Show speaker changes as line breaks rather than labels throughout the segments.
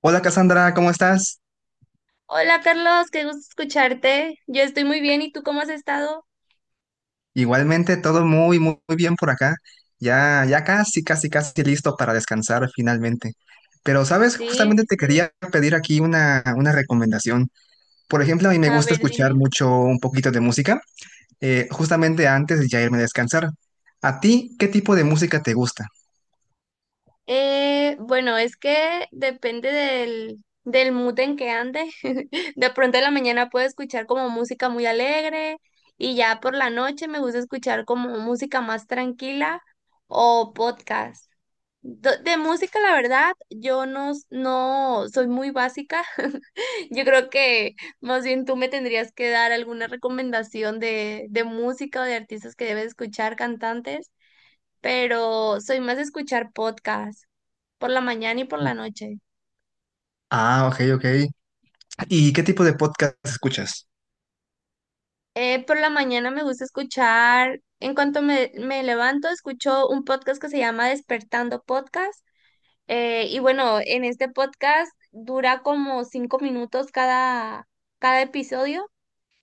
Hola Cassandra, ¿cómo estás?
Hola Carlos, qué gusto escucharte. Yo estoy muy bien, ¿y tú cómo has estado?
Igualmente, todo muy, muy, muy bien por acá. Ya, ya casi, casi, casi listo para descansar finalmente. Pero, ¿sabes?
Sí,
Justamente
sí,
te
sí.
quería pedir aquí una recomendación. Por ejemplo, a mí me
A
gusta
ver,
escuchar
dime.
mucho un poquito de música. Justamente antes de ya irme a descansar. ¿A ti qué tipo de música te gusta?
Bueno, es que depende del mood en que ande. De pronto en la mañana puedo escuchar como música muy alegre y ya por la noche me gusta escuchar como música más tranquila o podcast. De música, la verdad, yo no, no soy muy básica. Yo creo que más bien tú me tendrías que dar alguna recomendación de música o de artistas que debes escuchar, cantantes, pero soy más de escuchar podcast por la mañana y por la noche.
Ah, ok, ok. ¿Y qué tipo de podcast escuchas?
Por la mañana me gusta escuchar, en cuanto me levanto, escucho un podcast que se llama Despertando Podcast. Y bueno, en este podcast dura como 5 minutos cada episodio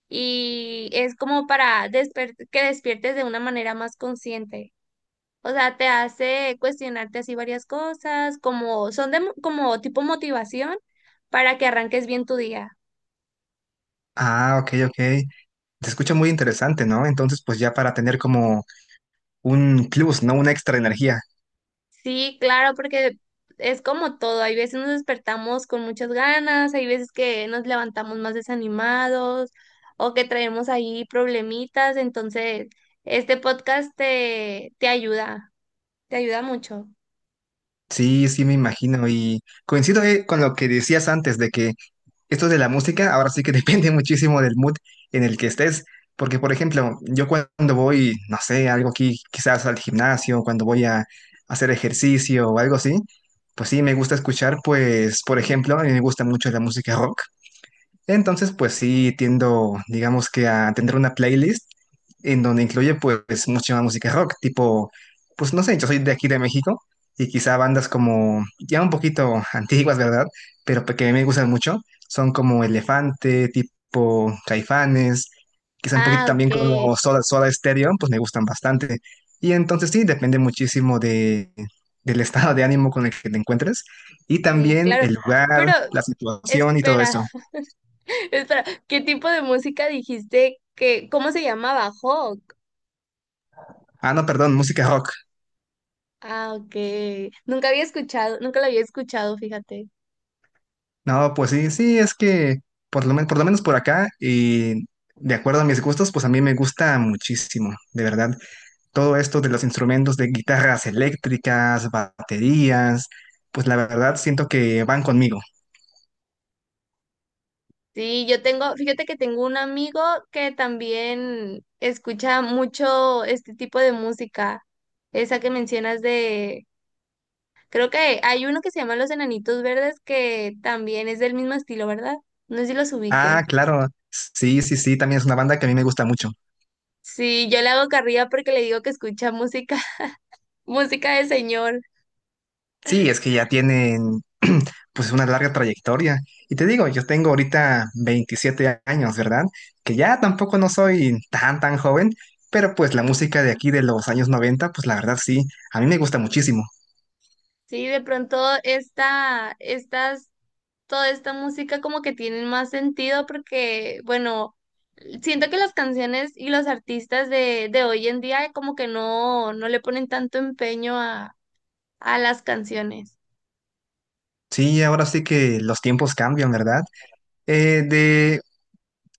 y es como para que despiertes de una manera más consciente. O sea, te hace cuestionarte así varias cosas, como son como tipo motivación para que arranques bien tu día.
Ah, ok, ok. Se escucha muy interesante, ¿no? Entonces, pues ya para tener como un plus, ¿no? Una extra energía.
Sí, claro, porque es como todo. Hay veces nos despertamos con muchas ganas, hay veces que nos levantamos más desanimados o que traemos ahí problemitas. Entonces, este podcast te ayuda, te ayuda mucho.
Sí, sí, me imagino. Y coincido con lo que decías antes de que esto de la música ahora sí que depende muchísimo del mood en el que estés. Porque, por ejemplo, yo cuando voy, no sé, algo aquí, quizás al gimnasio, cuando voy a hacer ejercicio o algo así, pues sí, me gusta escuchar, pues, por ejemplo, a mí me gusta mucho la música rock. Entonces, pues sí, tiendo, digamos que a tener una playlist en donde incluye pues mucha música rock, tipo, pues no sé, yo soy de aquí de México y quizá bandas como ya un poquito antiguas, ¿verdad? Pero que me gustan mucho, son como Elefante, tipo Caifanes, quizá un poquito
Ah,
también
ok.
como Soda Stereo, pues me gustan bastante. Y entonces sí, depende muchísimo del estado de ánimo con el que te encuentres y
Sí,
también
claro.
el lugar,
Pero
la situación y todo
espera,
eso.
espera, ¿qué tipo de música dijiste que cómo se llamaba? Hawk.
Ah, no, perdón, música rock.
Ah, ok. Nunca había escuchado, nunca la había escuchado, fíjate.
No, pues sí, sí, es que por lo menos por acá y de acuerdo a mis gustos, pues a mí me gusta muchísimo, de verdad. Todo esto de los instrumentos de guitarras eléctricas, baterías, pues la verdad siento que van conmigo.
Sí, yo tengo, fíjate que tengo un amigo que también escucha mucho este tipo de música, esa que mencionas de, creo que hay uno que se llama Los Enanitos Verdes, que también es del mismo estilo, ¿verdad? No sé si los ubique.
Ah, claro, sí, sí, sí, también es una banda que a mí me gusta mucho.
Sí, yo le hago carrilla porque le digo que escucha música, música de señor.
Sí, es que ya tienen pues una larga trayectoria. Y te digo, yo tengo ahorita 27 años, ¿verdad? Que ya tampoco no soy tan, tan joven, pero pues la música de aquí de los años 90, pues la verdad sí, a mí me gusta muchísimo.
Sí, de pronto esta, estas, toda esta música como que tienen más sentido porque, bueno, siento que las canciones y los artistas de hoy en día como que no, no le ponen tanto empeño a las canciones.
Sí, ahora sí que los tiempos cambian, ¿verdad? De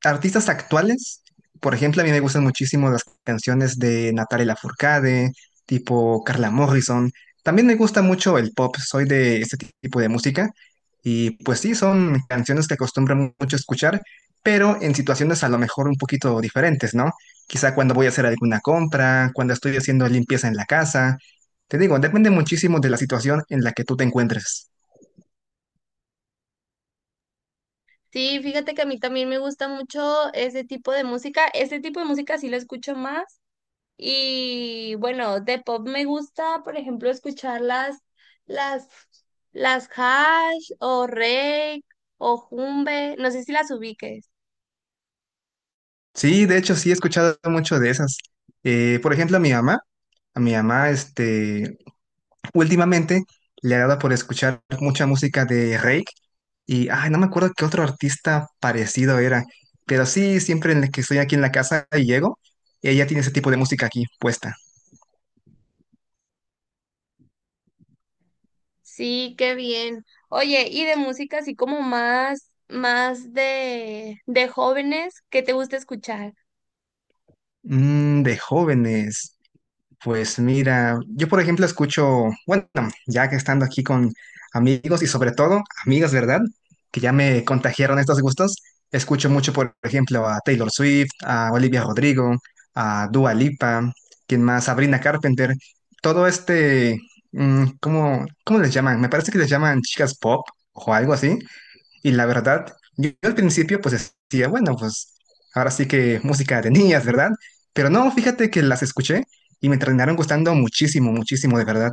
Artistas actuales, por ejemplo, a mí me gustan muchísimo las canciones de Natalia Lafourcade, tipo Carla Morrison. También me gusta mucho el pop, soy de este tipo de música. Y pues sí, son canciones que acostumbro mucho a escuchar, pero en situaciones a lo mejor un poquito diferentes, ¿no? Quizá cuando voy a hacer alguna compra, cuando estoy haciendo limpieza en la casa. Te digo, depende muchísimo de la situación en la que tú te encuentres.
Sí, fíjate que a mí también me gusta mucho ese tipo de música. Ese tipo de música sí lo escucho más. Y bueno, de pop me gusta, por ejemplo, escuchar las, las Hash o Rake o Jumbe, no sé si las ubiques.
Sí, de hecho sí he escuchado mucho de esas. Por ejemplo, a mi mamá, este, últimamente le ha dado por escuchar mucha música de Rake y, ay, no me acuerdo qué otro artista parecido era, pero sí, siempre en el que estoy aquí en la casa y llego, ella tiene ese tipo de música aquí puesta.
Sí, qué bien. Oye, y de música así como más de jóvenes, ¿qué te gusta escuchar?
De jóvenes, pues mira, yo por ejemplo escucho, bueno, ya que estando aquí con amigos y sobre todo amigas, ¿verdad? Que ya me contagiaron estos gustos, escucho mucho por ejemplo a Taylor Swift, a Olivia Rodrigo, a Dua Lipa, quien más, Sabrina Carpenter, todo este, ¿cómo les llaman? Me parece que les llaman chicas pop o algo así. Y la verdad, yo al principio pues decía, bueno, pues ahora sí que música de niñas, ¿verdad? Pero no, fíjate que las escuché y me terminaron gustando muchísimo, muchísimo, de verdad.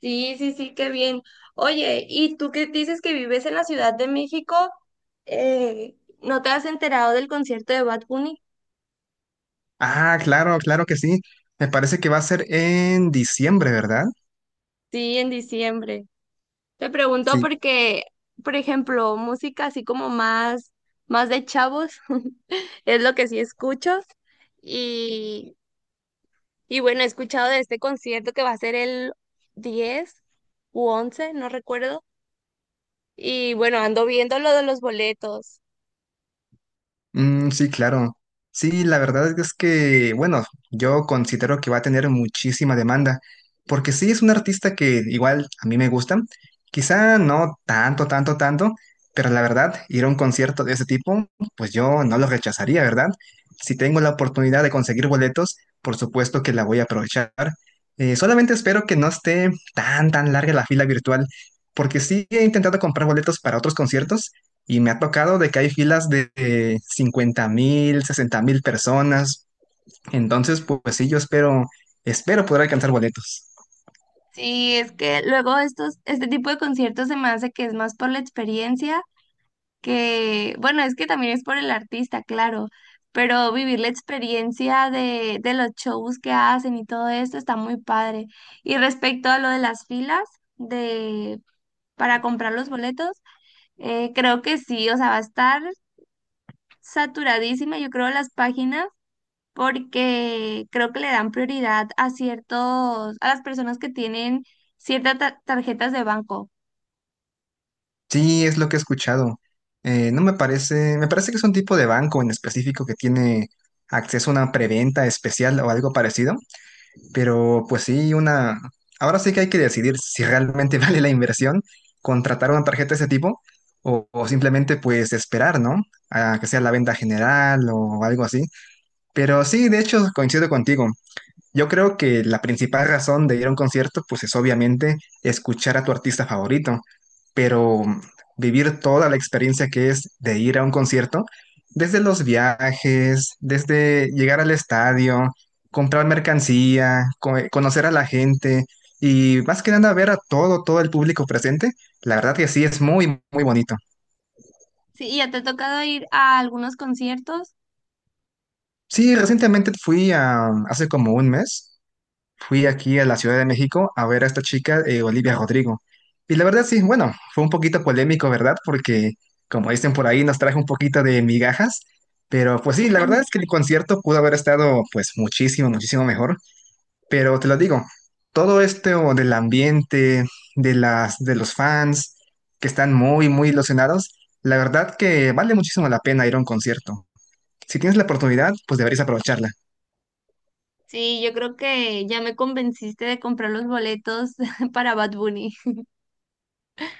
Sí, sí, sí, qué bien. Oye, ¿y tú, que dices que vives en la Ciudad de México, eh, no te has enterado del concierto de Bad Bunny?
Ah, claro, claro que sí. Me parece que va a ser en diciembre, ¿verdad?
Sí, en diciembre. Te pregunto
Sí,
porque, por ejemplo, música así como más de chavos, es lo que sí escucho. Y, y bueno, he escuchado de este concierto que va a ser el 10 u 11, no recuerdo. Y bueno, ando viendo lo de los boletos.
mm, sí, claro. Sí, la verdad es que, bueno, yo considero que va a tener muchísima demanda, porque sí es un artista que igual a mí me gusta, quizá no tanto, tanto, tanto, pero la verdad, ir a un concierto de ese tipo, pues yo no lo rechazaría, ¿verdad? Si tengo la oportunidad de conseguir boletos, por supuesto que la voy a aprovechar. Solamente espero que no esté tan, tan larga la fila virtual, porque sí he intentado comprar boletos para otros conciertos. Y me ha tocado de que hay filas de 50 mil, 60 mil personas. Entonces, pues sí, yo espero poder alcanzar boletos.
Sí, es que luego este tipo de conciertos se me hace que es más por la experiencia que, bueno, es que también es por el artista, claro, pero vivir la experiencia de los shows que hacen y todo esto está muy padre. Y respecto a lo de las filas de, para comprar los boletos, creo que sí, o sea, va a estar saturadísima, yo creo, las páginas, porque creo que le dan prioridad a ciertos, a las personas que tienen ciertas tarjetas de banco.
Sí, es lo que he escuchado. No me parece, me parece que es un tipo de banco en específico que tiene acceso a una preventa especial o algo parecido. Pero pues sí, una, ahora sí que hay que decidir si realmente vale la inversión contratar una tarjeta de ese tipo o simplemente pues esperar, ¿no? A que sea la venta general o algo así. Pero sí, de hecho, coincido contigo. Yo creo que la principal razón de ir a un concierto, pues es obviamente escuchar a tu artista favorito, pero vivir toda la experiencia que es de ir a un concierto, desde los viajes, desde llegar al estadio, comprar mercancía, conocer a la gente y más que nada ver a todo, todo el público presente, la verdad que sí es muy, muy bonito.
Sí, ¿y ya te ha tocado ir a algunos conciertos?
Sí, recientemente fui a, hace como un mes. Fui aquí a la Ciudad de México a ver a esta chica, Olivia Rodrigo. Y la verdad sí, bueno, fue un poquito polémico, ¿verdad? Porque, como dicen por ahí, nos trajo un poquito de migajas. Pero pues sí, la verdad es que el concierto pudo haber estado pues muchísimo, muchísimo mejor. Pero te lo digo, todo esto del ambiente, de las, de los fans que están muy, muy ilusionados, la verdad que vale muchísimo la pena ir a un concierto. Si tienes la oportunidad, pues deberías aprovecharla.
Sí, yo creo que ya me convenciste de comprar los boletos para Bad Bunny.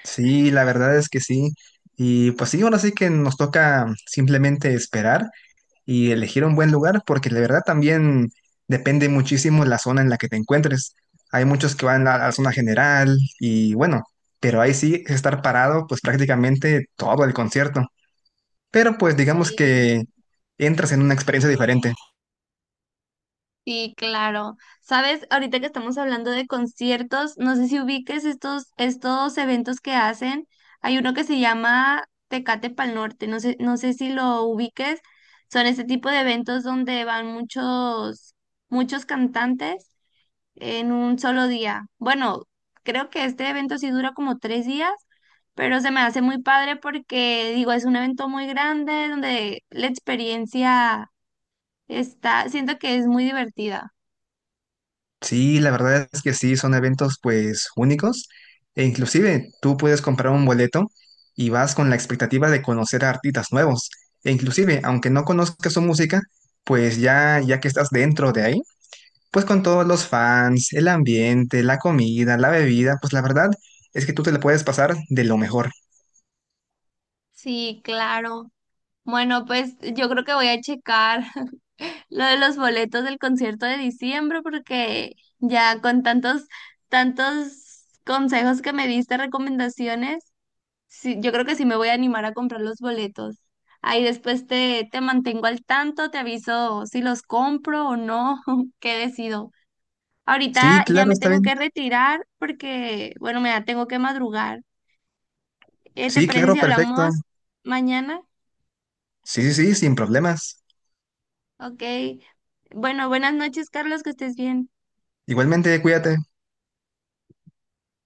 Sí, la verdad es que sí. Y pues sí, ahora sí que nos toca simplemente esperar y elegir un buen lugar, porque la verdad también depende muchísimo la zona en la que te encuentres. Hay muchos que van a la zona general y bueno, pero ahí sí es estar parado pues prácticamente todo el concierto. Pero pues digamos
Sí,
que entras en una experiencia diferente.
sí, claro. Sabes, ahorita que estamos hablando de conciertos, no sé si ubiques estos eventos que hacen. Hay uno que se llama Tecate Pal Norte, no sé, no sé si lo ubiques. Son este tipo de eventos donde van muchos, muchos cantantes en un solo día. Bueno, creo que este evento sí dura como 3 días, pero se me hace muy padre porque, digo, es un evento muy grande donde la experiencia está, siento que es muy divertida.
Sí, la verdad es que sí, son eventos pues únicos e inclusive tú puedes comprar un boleto y vas con la expectativa de conocer a artistas nuevos e inclusive aunque no conozcas su música, pues ya ya que estás dentro de ahí, pues con todos los fans, el ambiente, la comida, la bebida, pues la verdad es que tú te la puedes pasar de lo mejor.
Sí, claro. Bueno, pues yo creo que voy a checar lo de los boletos del concierto de diciembre, porque ya con tantos, tantos consejos que me diste, recomendaciones. Sí, yo creo que sí me voy a animar a comprar los boletos. Ahí después te mantengo al tanto, te aviso si los compro o no, qué decido.
Sí,
Ahorita ya
claro,
me
está
tengo
bien.
que retirar porque, bueno, tengo que madrugar. ¿Te
Sí,
parece
claro,
si
perfecto.
hablamos mañana?
Sí, sí, sí, sin problemas.
Ok. Bueno, buenas noches, Carlos, que estés bien.
Igualmente, cuídate.